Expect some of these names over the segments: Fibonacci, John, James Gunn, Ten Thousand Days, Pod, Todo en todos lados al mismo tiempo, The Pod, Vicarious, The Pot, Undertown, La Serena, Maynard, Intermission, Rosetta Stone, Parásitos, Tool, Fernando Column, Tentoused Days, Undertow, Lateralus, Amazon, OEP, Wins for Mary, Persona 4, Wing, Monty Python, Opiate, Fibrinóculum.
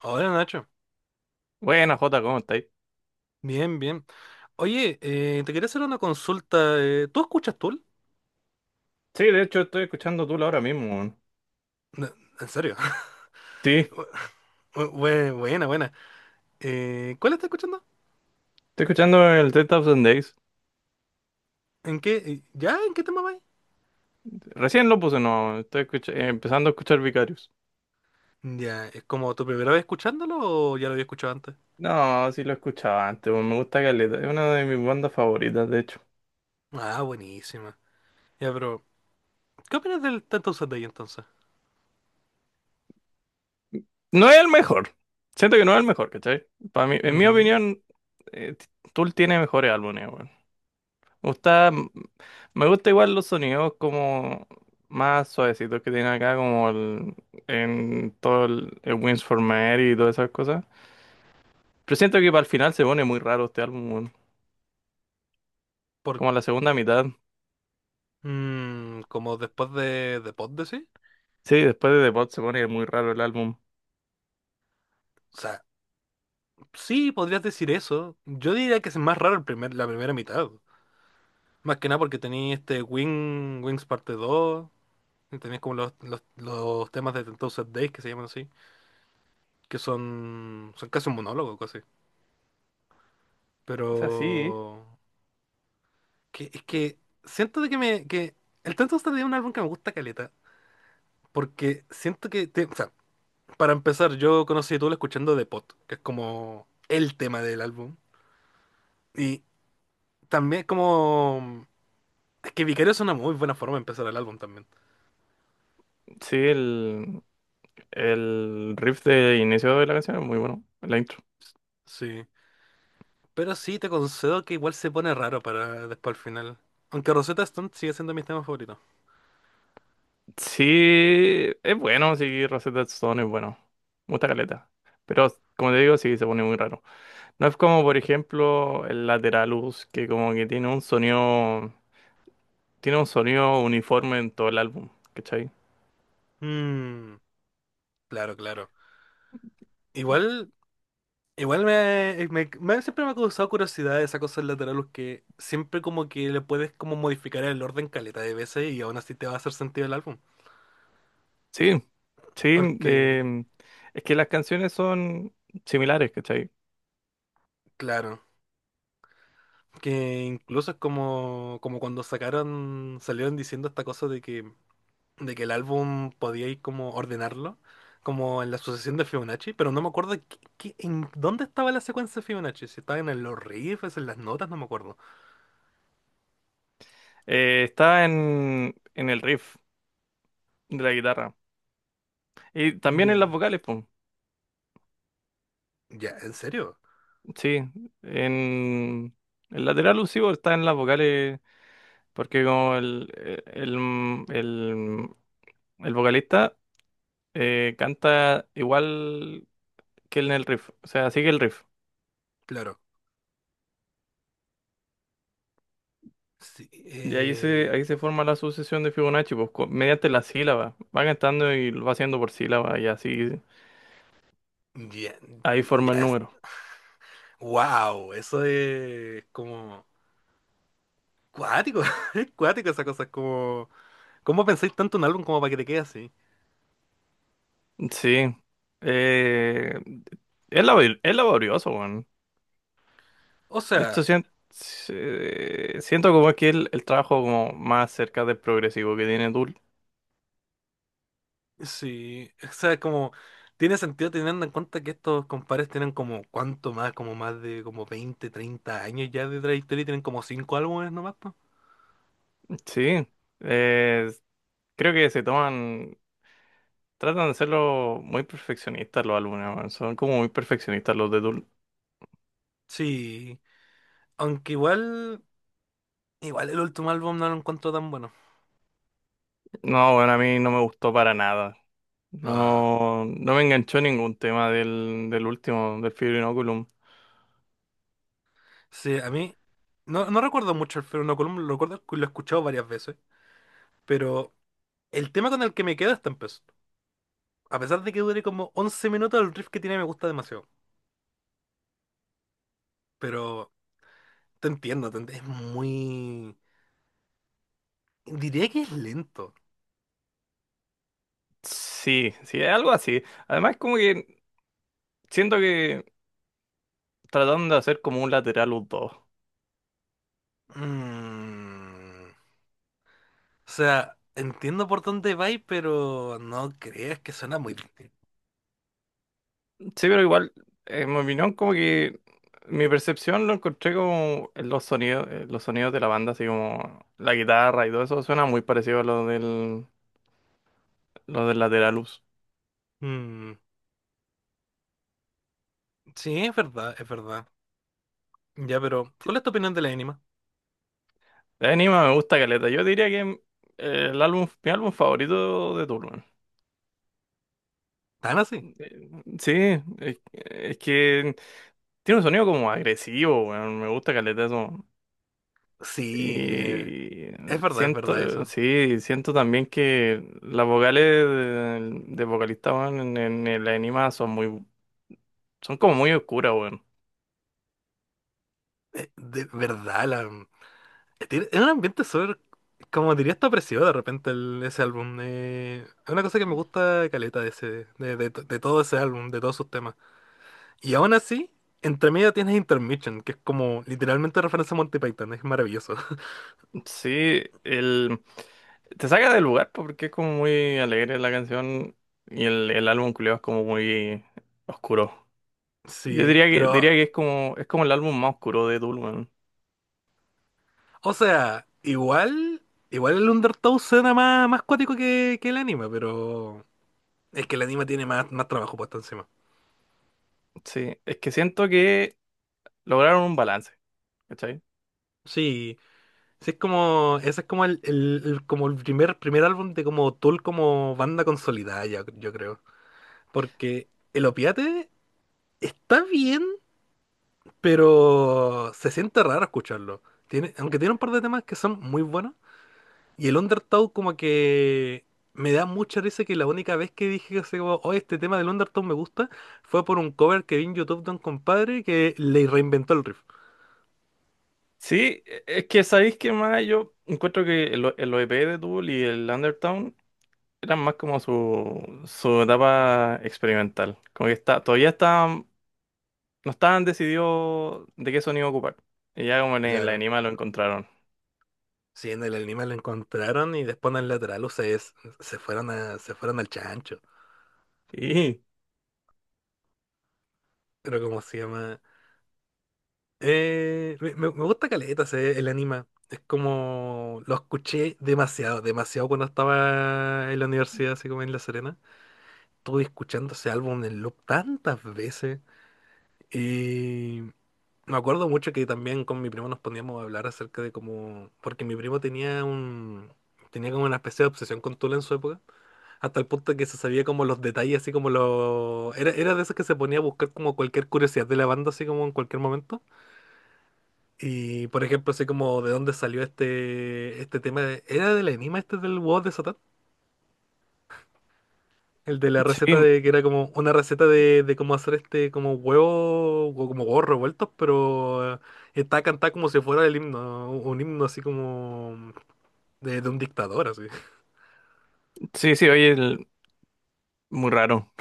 Hola Nacho, Buena, Jota, ¿cómo estáis? bien, bien. Oye, te quería hacer una consulta. ¿Tú escuchas Tool? Sí, de hecho estoy escuchando Tool ahora mismo, weón. No. ¿En serio? Sí, estoy Buena, buena. ¿Cuál estás escuchando? escuchando el 3000 Days. ¿En qué? ¿Ya? ¿En qué tema vais? Recién lo puse, no, estoy empezando a escuchar Vicarious. Ya, ¿es como tu primera vez escuchándolo o ya lo había escuchado antes? No, sí lo escuchaba antes, weón, me gusta Caleta, es una de mis bandas favoritas, de hecho. Ah, buenísima. Ya, pero ¿qué opinas del Tanto Sunday entonces? No es el mejor, siento que no es el mejor, ¿cachai? Para mí, en mi Mm. opinión, eh, T- Tool tiene mejores álbumes, weón. Me gusta, me gusta igual los sonidos como más suavecitos que tiene acá, en todo el Wins for Mary y todas esas cosas. Pero siento que para el final se pone muy raro este álbum, weón. ¿Por, Como la segunda mitad. mm, como después de Pod, decís? Sí, después de The Pod se pone muy raro el álbum. O sea, sí, podrías decir eso. Yo diría que es más raro la primera mitad. Más que nada porque tenéis este Wings parte 2 y tenéis como los temas de Tentoused Days que se llaman así, que son, son casi un monólogo, casi. Pero O sea, sí. que, es que siento de que me que el Tentoused Days es un álbum que me gusta caleta, porque siento que o sea, para empezar, yo conocí a Tool escuchando The Pot, que es como el tema del álbum. Y también como es que Vicario es una muy buena forma de empezar el álbum también. Sí, el riff de inicio de la canción es muy bueno, la intro. Sí. Pero sí, te concedo que igual se pone raro para después al final. Aunque Rosetta Stone sigue siendo mi tema favorito. Sí, es bueno, sí, Rosetta Stone es bueno. Me gusta caleta. Pero, como te digo, sí, se pone muy raro. No es como, por ejemplo, el Lateralus, que como que tiene un sonido uniforme en todo el álbum, ¿cachai? Mmm, claro, claro. Igual, igual siempre me ha causado curiosidad esa cosa del lateral, que siempre como que le puedes como modificar el orden caleta de veces y aún así te va a hacer sentido el álbum. Sí, sí, Porque, es que las canciones son similares, ¿cachai? claro, que incluso es como, como cuando salieron diciendo esta cosa de que el álbum podía ir como ordenarlo, como en la sucesión de Fibonacci, pero no me acuerdo en dónde estaba la secuencia de Fibonacci, si estaba en los riffs, en las notas, no me acuerdo. Está en el riff de la guitarra y también en las Ya, vocales, pues, ya, ¿en serio? sí, en el lateral occipital está en las vocales porque como el, el, el vocalista canta igual que en el riff, o sea, sigue el riff. Claro. Sí, Y ahí se forma la sucesión de Fibonacci, pues, mediante la sílaba. Va cantando y lo va haciendo por sílaba y así. ya, Ahí forma ya el es. número. Wow, eso es como cuático, es cuático esa cosa, es como ¿cómo pensáis tanto en un álbum como para que te quede así? Sí. Eh, es laborioso, weón. O De hecho, sea, siento como que el trabajo como más cerca del progresivo que tiene Tool. sí, o sea, como tiene sentido teniendo en cuenta que estos compadres tienen como cuánto más, como más de como 20, 30 años ya de trayectoria y tienen como 5 álbumes nomás, po. Sí. Eh, creo que tratan de serlo muy perfeccionistas los alumnos, weón. Son como muy perfeccionistas los de Tool. Sí, aunque igual, igual el último álbum no lo encuentro tan bueno. No, bueno, a mí no me gustó para nada. Ah, No, no me enganchó ningún tema del último, del Fibrinóculum. sí, a mí no, no recuerdo mucho el Fernando Column, lo recuerdo que lo he escuchado varias veces, pero el tema con el que me quedo está empezó. A pesar de que dure como 11 minutos, el riff que tiene me gusta demasiado, pero te entiendo, es muy... Diría que es lento. Sí, sí, es algo así. Además, como que siento que trataron de hacer como un lateral los dos. Mm, o sea, entiendo por dónde vais, pero no creas que suena muy... bien. Sí, pero igual, en mi opinión, como que mi percepción lo encontré como en los sonidos de la banda, así como la guitarra y todo eso, suena muy parecido a lo del Lateralus. Mm, sí, es verdad, es verdad. Ya, pero ¿cuál es tu opinión de la anima? El anima me gusta caleta. Yo diría que mi álbum favorito de Tool, weón. ¿Tan así? Eh, Sí, es que tiene un sonido como agresivo, weón. Me gusta caleta eso. Sí, Y es verdad siento, eso. sí, siento también que las vocales de vocalista, weón, en el anime son como muy oscuras, weón. De verdad, la... mm, es un ambiente súper, como diría, está opresivo de repente ese álbum. Es una cosa que me gusta caleta de ese, de todo ese álbum, de todos sus temas. Y aún así, entre medio tienes Intermission, que es como literalmente referencia a Monty Python, es maravilloso. Sí, te saca del lugar po, porque es como muy alegre la canción y el álbum culiao es como muy oscuro. Sí, Diría pero, que es como el álbum más oscuro de Tool, weón. o sea, igual, igual el Undertow suena más cuático que el anime, pero es que el anime tiene más trabajo puesto encima. Sí, es que siento que lograron un balance, ¿cachai? Sí, sí es como, ese es como como el primer álbum de como Tool como banda consolidada, yo creo. Porque el Opiate está bien, pero se siente raro escucharlo. Tiene, aunque tiene un par de temas que son muy buenos. Y el Undertow como que me da mucha risa que la única vez que dije así como, oh, este tema del Undertow me gusta, fue por un cover que vi en YouTube de un compadre que le reinventó el riff. Sí, es que sabéis que más yo encuentro que el OEP de Tool y el Undertown eran más como su etapa experimental. Como que está, todavía estaban, no estaban decididos de qué sonido ocupar. Y ya como en la Claro. anima lo encontraron. Sí, en el anime lo encontraron y después en el lateral, o sea, se fueron a, se fueron al chancho. Sí, Pero ¿cómo se llama? Me gusta caleta el anime. Es como lo escuché demasiado, demasiado cuando estaba en la universidad, así como en La Serena. Estuve escuchando ese álbum en loop tantas veces. Y me acuerdo mucho que también con mi primo nos poníamos a hablar acerca de cómo. Porque mi primo tenía un. Tenía como una especie de obsesión con Tula en su época. Hasta el punto que se sabía como los detalles, así como los. Era, era de esos que se ponía a buscar como cualquier curiosidad de la banda, así como en cualquier momento. Y por ejemplo, sé como de dónde salió este tema. ¿Era del enigma este del huevo de Satán? El de la receta sí, de que era como una receta de cómo hacer este como huevo o como huevos revueltos, pero está cantada como si fuera el himno, un himno así como de un dictador, así. sí, sí, oye, muy raro.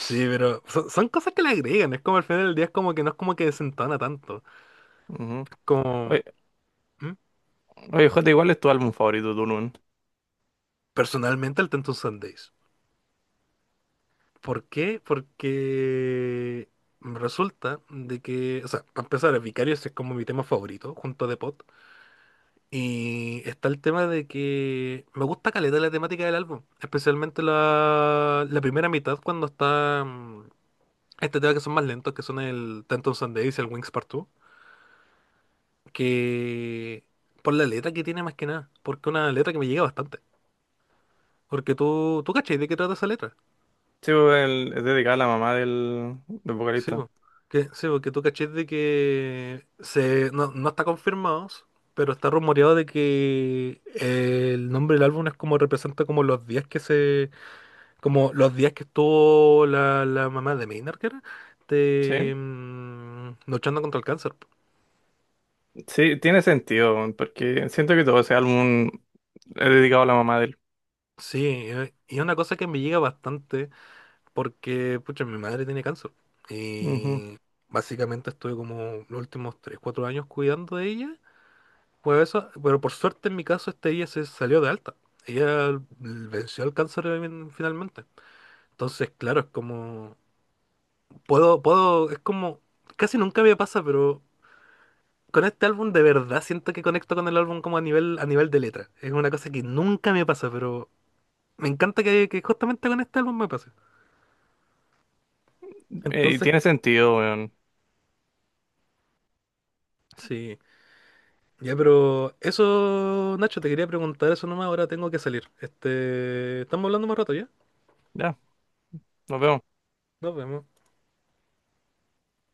Sí, pero son, son cosas que le agregan, es como al final del día es como que no es como que desentona tanto. Ujú. Como, ¿Oye, ¿mm? oye, Jota, igual es tu álbum favorito, Tool, weón? Personalmente el Tentu Sundays. ¿Por qué? Porque resulta de que, o sea, para empezar, el Vicarious es como mi tema favorito, junto a The Pot. Y está el tema de que me gusta caleta la temática del álbum, especialmente la primera mitad cuando está mm, este tema que son más lentos, que son el Ten Thousand Days y el Wings Part 2, que por la letra que tiene más que nada, porque es una letra que me llega bastante. Porque tú cachai de qué trata esa letra. Sí, pues, es dedicado a la mamá del Sí, vocalista. po. Que, sí, porque tú cachés no, no está confirmado, pero está rumoreado de que el nombre del álbum es como representa como los días que se, como los días que estuvo la mamá de Maynard, que era, de, Sí, mm, luchando contra el cáncer, po. sí, tiene sentido, weón, porque siento que todo ese álbum he dedicado a la mamá de él. Sí, y es una cosa que me llega bastante porque, pucha, mi madre tiene cáncer. Ujú. Y básicamente estuve como los últimos 3, 4 años cuidando de ella. Pues eso, pero por suerte en mi caso este día se salió de alta. Ella venció el cáncer finalmente. Entonces, claro, es como puedo, puedo, es como casi nunca me pasa, pero con este álbum de verdad siento que conecto con el álbum como a nivel de letra. Es una cosa que nunca me pasa, pero me encanta que justamente con este álbum me pase. Y Entonces, tiene sentido, weón. sí. Ya, pero eso, Nacho, te quería preguntar eso nomás, ahora tengo que salir. Este, estamos hablando más rato, ¿ya? Ya, nos vemos. Nos vemos.